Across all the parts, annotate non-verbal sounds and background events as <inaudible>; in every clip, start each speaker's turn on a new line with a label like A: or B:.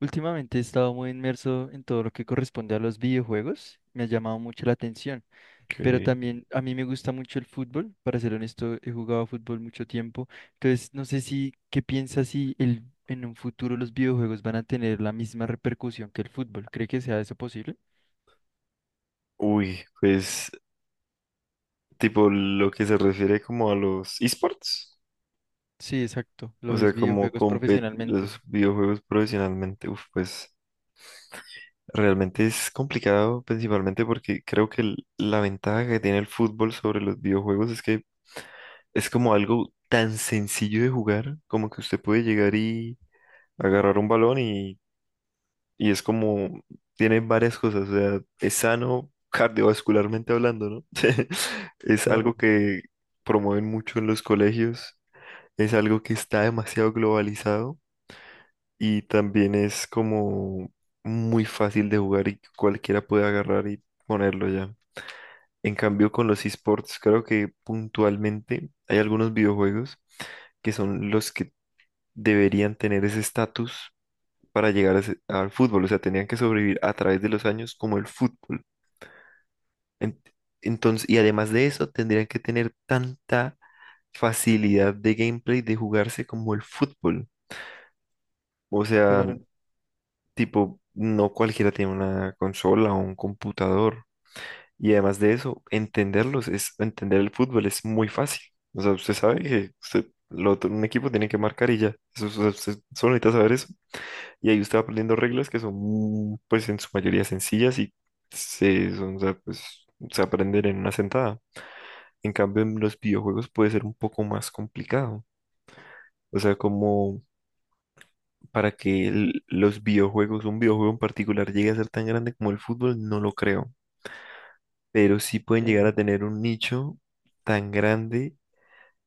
A: Últimamente he estado muy inmerso en todo lo que corresponde a los videojuegos, me ha llamado mucho la atención,
B: Ok.
A: pero también a mí me gusta mucho el fútbol. Para ser honesto, he jugado fútbol mucho tiempo. Entonces no sé si, ¿qué piensas si en un futuro los videojuegos van a tener la misma repercusión que el fútbol? ¿Cree que sea eso posible?
B: Uy, pues tipo lo que se refiere como a los esports,
A: Sí, exacto,
B: o
A: lo ves
B: sea, como
A: videojuegos
B: compet
A: profesionalmente.
B: los videojuegos profesionalmente, uf, pues realmente es complicado, principalmente porque creo que la ventaja que tiene el fútbol sobre los videojuegos es que es como algo tan sencillo de jugar, como que usted puede llegar y agarrar un balón y y es como, tiene varias cosas, o sea, es sano cardiovascularmente hablando, ¿no? <laughs> Es
A: Claro,
B: algo que promueven mucho en los colegios, es algo que está demasiado globalizado y también es como muy fácil de jugar, y cualquiera puede agarrar y ponerlo ya. En cambio, con los esports, creo que puntualmente hay algunos videojuegos que son los que deberían tener ese estatus para llegar a al fútbol, o sea, tenían que sobrevivir a través de los años como el fútbol. En- Entonces, y además de eso, tendrían que tener tanta facilidad de gameplay de jugarse como el fútbol. O sea,
A: claro,
B: tipo, no cualquiera tiene una consola o un computador. Y además de eso, entenderlos es, entender el fútbol es muy fácil. O sea, usted sabe que usted, un equipo tiene que marcar y ya. Eso, usted solo necesita saber eso. Y ahí usted va aprendiendo reglas que son, pues, en su mayoría sencillas y se, son, o sea, pues, se aprenden en una sentada. En cambio, en los videojuegos puede ser un poco más complicado. O sea, como para que los videojuegos, un videojuego en particular, llegue a ser tan grande como el fútbol, no lo creo. Pero sí pueden llegar
A: entiendo.
B: a tener un nicho tan grande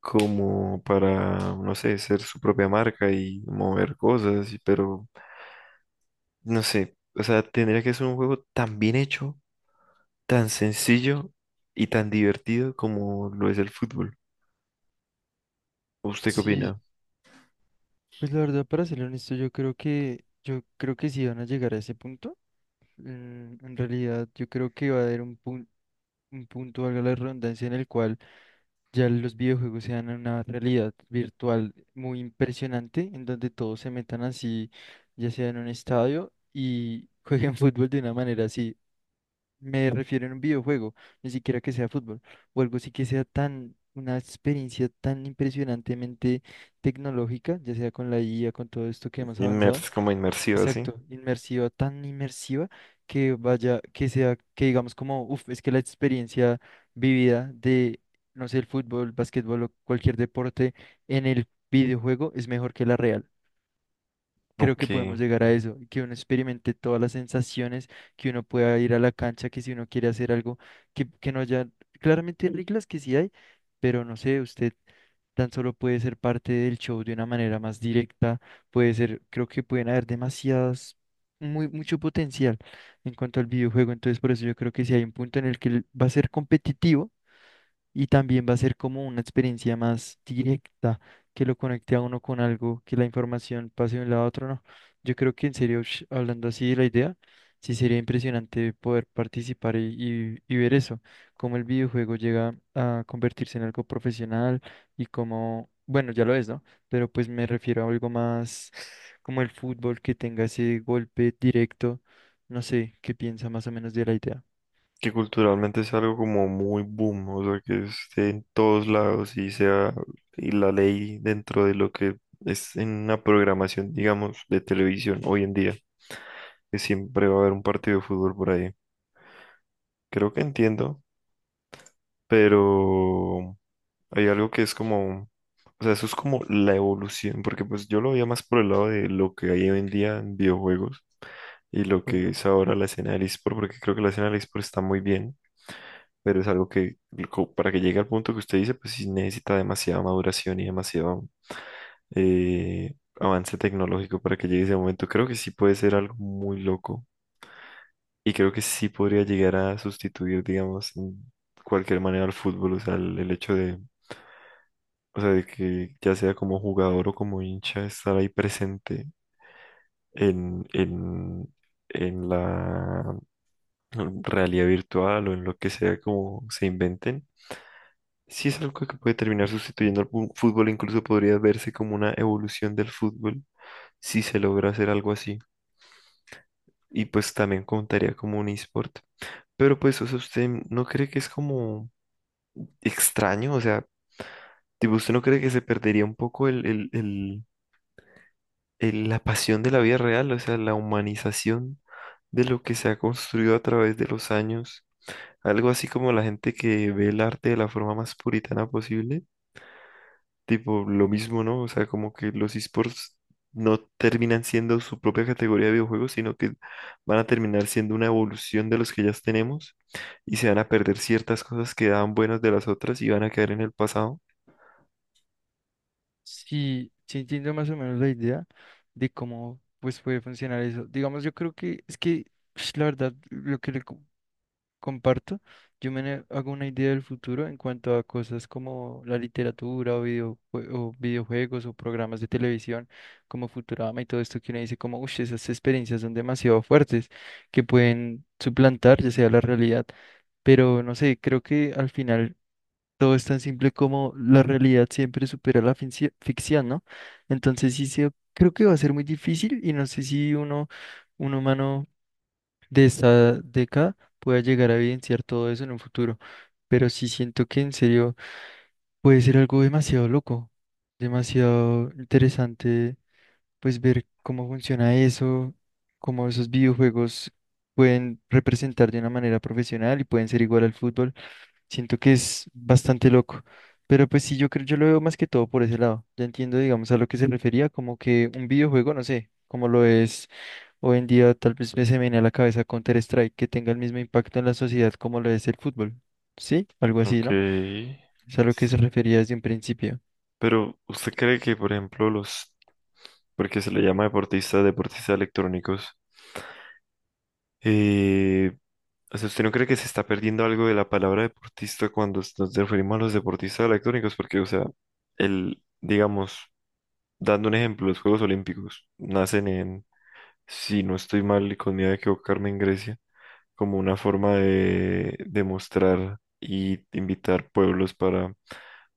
B: como para, no sé, ser su propia marca y mover cosas, pero no sé. O sea, tendría que ser un juego tan bien hecho, tan sencillo y tan divertido como lo es el fútbol. ¿Usted qué
A: Sí,
B: opina?
A: pues la verdad, para ser honesto, yo creo que sí van a llegar a ese punto. En realidad, yo creo que va a haber un punto, valga la redundancia, en el cual ya los videojuegos sean una realidad virtual muy impresionante, en donde todos se metan así, ya sea en un estadio y <laughs> jueguen fútbol de una manera así. Me refiero a un videojuego, ni siquiera que sea fútbol, o algo así que sea tan, una experiencia tan impresionantemente tecnológica, ya sea con la IA, con todo esto que hemos avanzado.
B: Inmers como inmersivo así,
A: Exacto, inmersiva, tan inmersiva que vaya, que sea, que digamos como, uff, es que la experiencia vivida de, no sé, el fútbol, básquetbol o cualquier deporte en el videojuego es mejor que la real. Creo que podemos
B: aunque
A: llegar a eso, que uno experimente todas las sensaciones, que uno pueda ir a la cancha, que si uno quiere hacer algo, que no haya, claramente hay reglas que sí hay, pero no sé, usted tan solo puede ser parte del show de una manera más directa, puede ser, creo que pueden haber demasiadas, muy, mucho potencial en cuanto al videojuego. Entonces por eso yo creo que si hay un punto en el que va a ser competitivo, y también va a ser como una experiencia más directa que lo conecte a uno con algo, que la información pase de un lado a otro, no. Yo creo que en serio, hablando así de la idea, sí sería impresionante poder participar y, y ver eso, cómo el videojuego llega a convertirse en algo profesional y cómo, bueno, ya lo es, ¿no? Pero pues me refiero a algo más como el fútbol que tenga ese golpe directo. No sé, qué piensa más o menos de la idea.
B: que culturalmente es algo como muy boom, o sea, que esté en todos lados y sea y la ley dentro de lo que es en una programación, digamos, de televisión hoy en día, que siempre va a haber un partido de fútbol por ahí. Creo que entiendo, pero hay algo que es como, o sea, eso es como la evolución, porque pues yo lo veía más por el lado de lo que hay hoy en día en videojuegos y lo que es ahora la escena del eSport, porque creo que la escena del eSport está muy bien, pero es algo que para que llegue al punto que usted dice, pues sí necesita demasiada maduración y demasiado eh, avance tecnológico para que llegue ese momento. Creo que sí puede ser algo muy loco y creo que sí podría llegar a sustituir, digamos, en cualquier manera al fútbol, o sea, el hecho de o sea, de que ya sea como jugador o como hincha, estar ahí presente en, en, en la realidad virtual o en lo que sea como se inventen, sí es algo que puede terminar sustituyendo al fútbol, incluso podría verse como una evolución del fútbol si se logra hacer algo así. Y pues también contaría como un eSport. Pero pues, o sea, ¿usted no cree que es como extraño? O sea, tipo, ¿usted no cree que se perdería un poco el- la pasión de la vida real, o sea, la humanización de lo que se ha construido a través de los años? Algo así como la gente que ve el arte de la forma más puritana posible, tipo lo mismo, ¿no? O sea, como que los esports no terminan siendo su propia categoría de videojuegos, sino que van a terminar siendo una evolución de los que ya tenemos y se van a perder ciertas cosas que daban buenas de las otras y van a quedar en el pasado.
A: Sí, sí entiendo más o menos la idea de cómo pues puede funcionar eso. Digamos, yo creo que es que <sniffs> la verdad lo que comparto, hago una idea del futuro en cuanto a cosas como la literatura o, videojuegos o programas de televisión como Futurama y todo esto que uno dice como, uff, esas experiencias son demasiado fuertes que pueden suplantar ya sea la realidad. Pero no sé, creo que al final todo es tan simple como la realidad siempre supera la ficción, ¿no? Entonces sí, creo que va a ser muy difícil y no sé si uno, un humano de esta década pueda llegar a evidenciar todo eso en un futuro, pero sí siento que en serio puede ser algo demasiado loco, demasiado interesante, pues ver cómo funciona eso, cómo esos videojuegos pueden representar de una manera profesional y pueden ser igual al fútbol. Siento que es bastante loco, pero pues sí, yo creo, yo lo veo más que todo por ese lado. Ya entiendo, digamos, a lo que se refería, como que un videojuego, no sé, como lo es hoy en día, tal vez me se me viene a la cabeza Counter-Strike, que tenga el mismo impacto en la sociedad como lo es el fútbol, ¿sí? Algo así,
B: Ok.
A: ¿no? Es a lo que se refería desde un principio.
B: Pero, ¿usted cree que, por ejemplo, los porque se le llama deportista, deportistas electrónicos? Eh, o sea, ¿usted no cree que se está perdiendo algo de la palabra deportista cuando nos referimos a los deportistas electrónicos? Porque, o sea, el, digamos, dando un ejemplo, los Juegos Olímpicos nacen en, si no estoy mal y con miedo de equivocarme, en Grecia, como una forma de demostrar y invitar pueblos para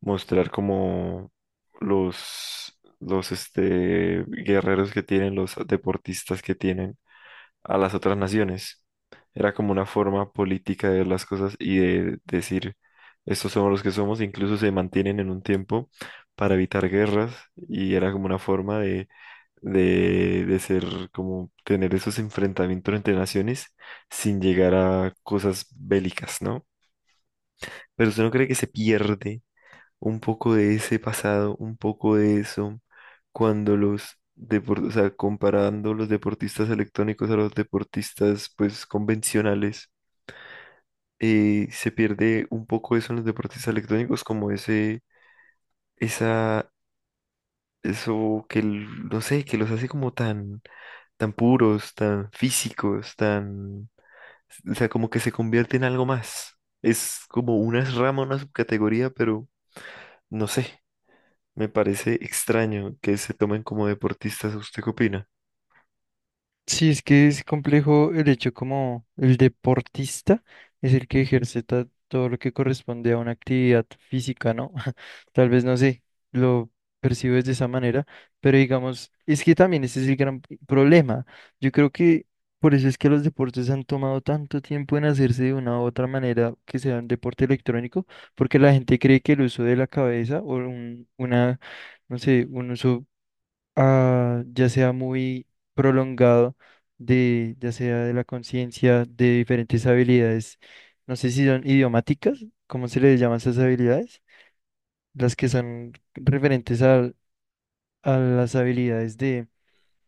B: mostrar como los este, guerreros que tienen, los deportistas que tienen a las otras naciones. Era como una forma política de ver las cosas y de decir, estos somos los que somos, incluso se mantienen en un tiempo para evitar guerras y era como una forma de ser, como tener esos enfrentamientos entre naciones sin llegar a cosas bélicas, ¿no? Pero usted no cree que se pierde un poco de ese pasado, un poco de eso, cuando los deportistas, o sea, comparando los deportistas electrónicos a los deportistas, pues, convencionales, se pierde un poco eso en los deportistas electrónicos, como ese, esa, eso que, no sé, que los hace como tan, tan puros, tan físicos, tan, o sea, como que se convierte en algo más. Es como una rama, una subcategoría, pero no sé. Me parece extraño que se tomen como deportistas. ¿Usted qué opina?
A: Sí, es que es complejo el hecho como el deportista es el que ejerce todo lo que corresponde a una actividad física, ¿no? <laughs> Tal vez no sé, lo percibes de esa manera, pero digamos, es que también ese es el gran problema. Yo creo que por eso es que los deportes han tomado tanto tiempo en hacerse de una u otra manera que sea un deporte electrónico, porque la gente cree que el uso de la cabeza o una, no sé, un uso ya sea muy prolongado, de, ya sea de la conciencia, de diferentes habilidades. No sé si son idiomáticas, ¿cómo se les llama esas habilidades? Las que son referentes a, las habilidades de,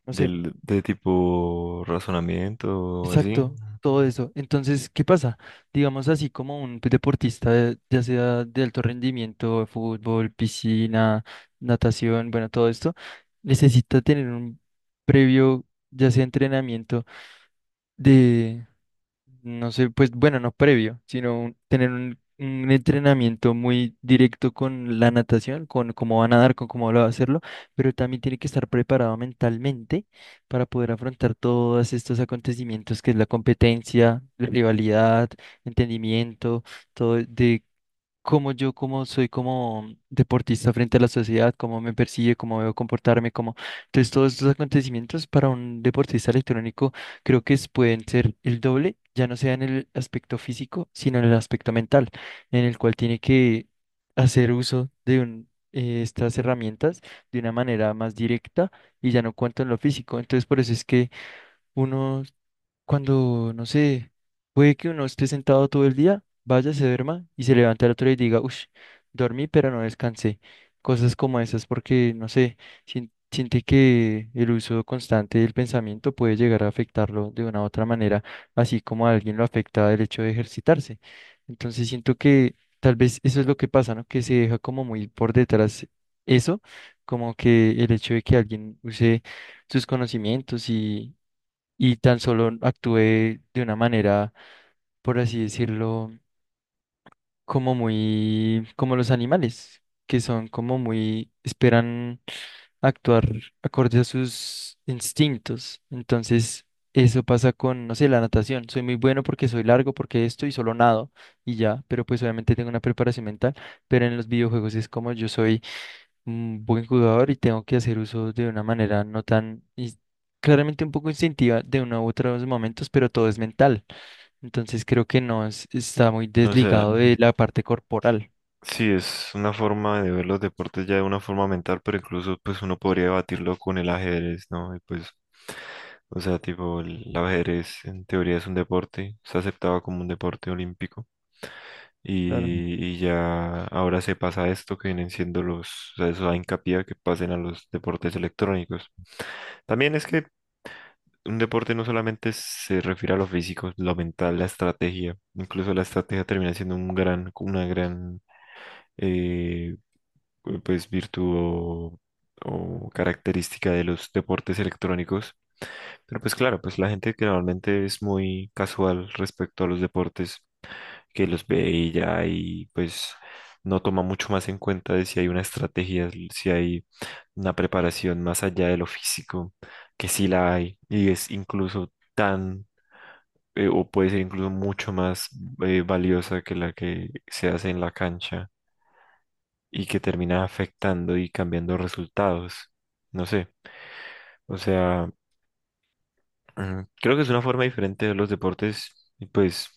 A: no sé.
B: Del, de tipo razonamiento o así.
A: Exacto, todo eso. Entonces, ¿qué pasa? Digamos así como un deportista, ya sea de alto rendimiento, fútbol, piscina, natación, bueno, todo esto, necesita tener un previo, ya sea entrenamiento de, no sé, pues bueno, no previo, sino tener un entrenamiento muy directo con la natación, con cómo va a nadar, con cómo va a hacerlo, pero también tiene que estar preparado mentalmente para poder afrontar todos estos acontecimientos que es la competencia, la rivalidad, entendimiento, todo de cómo yo como soy como deportista frente a la sociedad, cómo me persigue, cómo debo comportarme, cómo... Entonces todos estos acontecimientos para un deportista electrónico creo que pueden ser el doble, ya no sea en el aspecto físico, sino en el aspecto mental, en el cual tiene que hacer uso de estas herramientas de una manera más directa y ya no cuanto en lo físico. Entonces por eso es que uno cuando, no sé, puede que uno esté sentado todo el día, vaya, se duerma y se levanta el otro día y diga, uff, dormí pero no descansé. Cosas como esas, porque, no sé, siente que el uso constante del pensamiento puede llegar a afectarlo de una u otra manera, así como a alguien lo afecta el hecho de ejercitarse. Entonces siento que tal vez eso es lo que pasa, ¿no? Que se deja como muy por detrás eso, como que el hecho de que alguien use sus conocimientos y tan solo actué de una manera, por así decirlo, como muy, como los animales, que son como muy, esperan actuar acorde a sus instintos. Entonces, eso pasa con, no sé, la natación. Soy muy bueno porque soy largo, porque esto y solo nado y ya, pero pues obviamente tengo una preparación mental, pero en los videojuegos es como yo soy un buen jugador y tengo que hacer uso de una manera no tan, claramente un poco instintiva de uno u otro de los momentos, pero todo es mental. Entonces creo que no es- está muy
B: O sea,
A: desligado de la parte corporal.
B: sí, es una forma de ver los deportes ya de una forma mental, pero incluso pues uno podría debatirlo con el ajedrez, ¿no? Y pues, o sea, tipo, el ajedrez en teoría es un deporte, se aceptaba como un deporte olímpico. Y ya ahora se pasa a esto que vienen siendo los, o sea, eso da hincapié a que pasen a los deportes electrónicos. También es que un deporte no solamente se refiere a lo físico, lo mental, la estrategia. Incluso la estrategia termina siendo un gran, una gran eh, pues virtud o característica de los deportes electrónicos. Pero pues claro, pues la gente que normalmente es muy casual respecto a los deportes, que los ve y ya y pues no toma mucho más en cuenta de si hay una estrategia, si hay una preparación más allá de lo físico, que sí la hay y es incluso tan o puede ser incluso mucho más valiosa que la que se hace en la cancha y que termina afectando y cambiando resultados. No sé, o sea, creo que es una forma diferente de los deportes y pues,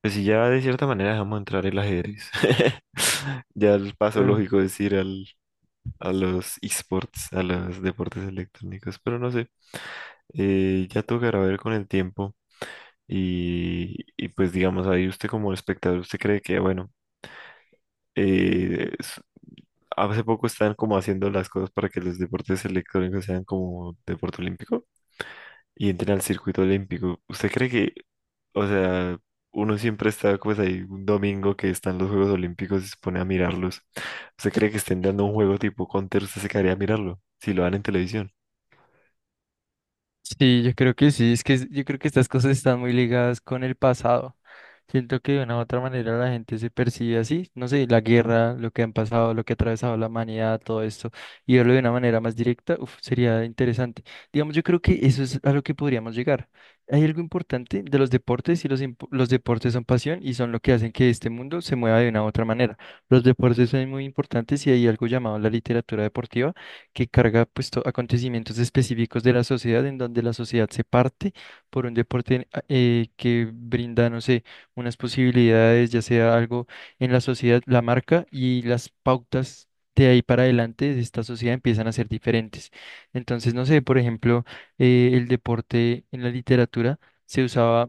B: pues si ya de cierta manera dejamos entrar el ajedrez, <laughs> ya el paso
A: Claro.
B: lógico es ir al, a los esports, a los deportes electrónicos, pero no sé, ya tocará ver con el tiempo. Y pues digamos ahí usted como espectador, usted cree que bueno, Eh, s- hace poco están como haciendo las cosas para que los deportes electrónicos sean como deporte olímpico y entren al circuito olímpico. ¿Usted cree que, o sea, uno siempre está pues ahí un domingo que están los Juegos Olímpicos y se pone a mirarlos? ¿Usted cree que estén dando un juego tipo Counter? ¿Usted se quedaría a mirarlo si lo dan en televisión?
A: Sí, yo creo que sí, es que yo creo que estas cosas están muy ligadas con el pasado. Siento que de una u otra manera la gente se percibe así, no sé, la guerra, lo que han pasado, lo que ha atravesado la humanidad, todo esto, y verlo de una manera más directa, uf, sería interesante. Digamos, yo creo que eso es a lo que podríamos llegar. Hay algo importante de los deportes y los, los deportes son pasión y son lo que hacen que este mundo se mueva de una u otra manera. Los deportes son muy importantes y hay algo llamado la literatura deportiva que carga pues, acontecimientos específicos de la sociedad, en donde la sociedad se parte por un deporte que brinda, no sé, unas posibilidades, ya sea algo en la sociedad, la marca y las pautas. De ahí para adelante de esta sociedad empiezan a ser diferentes. Entonces, no sé, por ejemplo, el deporte en la literatura se usaba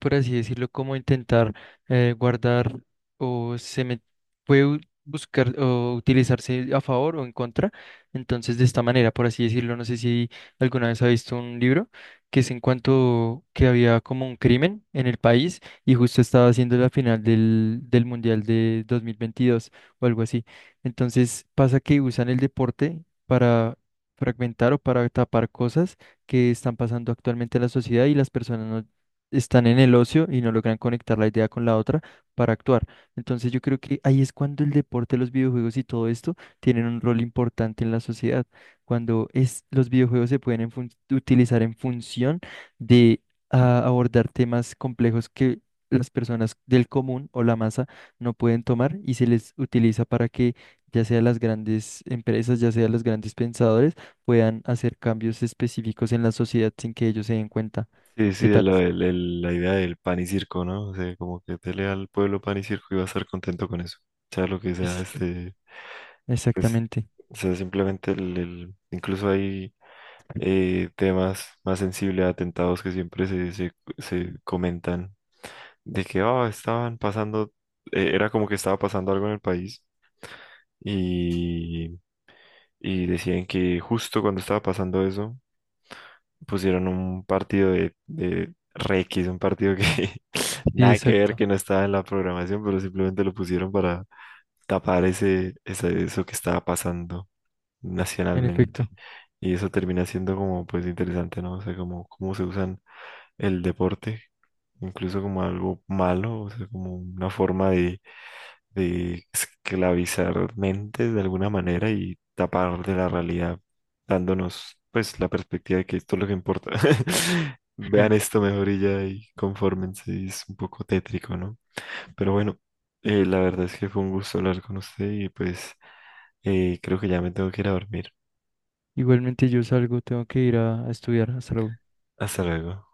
A: por así decirlo, como intentar guardar o se me puede buscar o utilizarse a favor o en contra. Entonces, de esta manera, por así decirlo, no sé si alguna vez ha visto un libro que es en cuanto que había como un crimen en el país y justo estaba haciendo la final del, del Mundial de 2022 o algo así. Entonces, pasa que usan el deporte para fragmentar o para tapar cosas que están pasando actualmente en la sociedad y las personas no están en el ocio y no logran conectar la idea con la otra para actuar. Entonces yo creo que ahí es cuando el deporte, los videojuegos y todo esto tienen un rol importante en la sociedad, cuando es, los videojuegos se pueden en utilizar en función de abordar temas complejos que las personas del común o la masa no pueden tomar y se les utiliza para que ya sea las grandes empresas, ya sea los grandes pensadores, puedan hacer cambios específicos en la sociedad sin que ellos se den cuenta.
B: Sí, sí,
A: ¿Qué
B: de
A: tal?
B: la, la idea del pan y circo, ¿no? O sea, como que dele al pueblo pan y circo y va a estar contento con eso. Sea lo que sea,
A: Es,
B: este, pues,
A: exactamente.
B: o sea, simplemente incluso hay temas más sensibles, atentados que siempre se, se, se comentan de que, oh, estaban pasando, era como que estaba pasando algo en el país y, y decían que justo cuando estaba pasando eso, pusieron un partido de Requis, un partido que <laughs>
A: Sí,
B: nada que ver,
A: exacto.
B: que no estaba en la programación, pero simplemente lo pusieron para tapar ese, eso que estaba pasando
A: En efecto.
B: nacionalmente. Y eso termina siendo como pues interesante, ¿no? O sea, como cómo se usan el deporte, incluso como algo malo, o sea, como una forma de esclavizar mentes de alguna manera y tapar de la realidad, dándonos pues la perspectiva de que esto es lo que importa. <laughs> Vean
A: <laughs>
B: esto mejor y ya y confórmense, y es un poco tétrico, ¿no? Pero bueno, la verdad es que fue un gusto hablar con usted y pues creo que ya me tengo que ir a dormir.
A: Igualmente yo salgo, tengo que ir a estudiar. Hasta luego.
B: Hasta luego.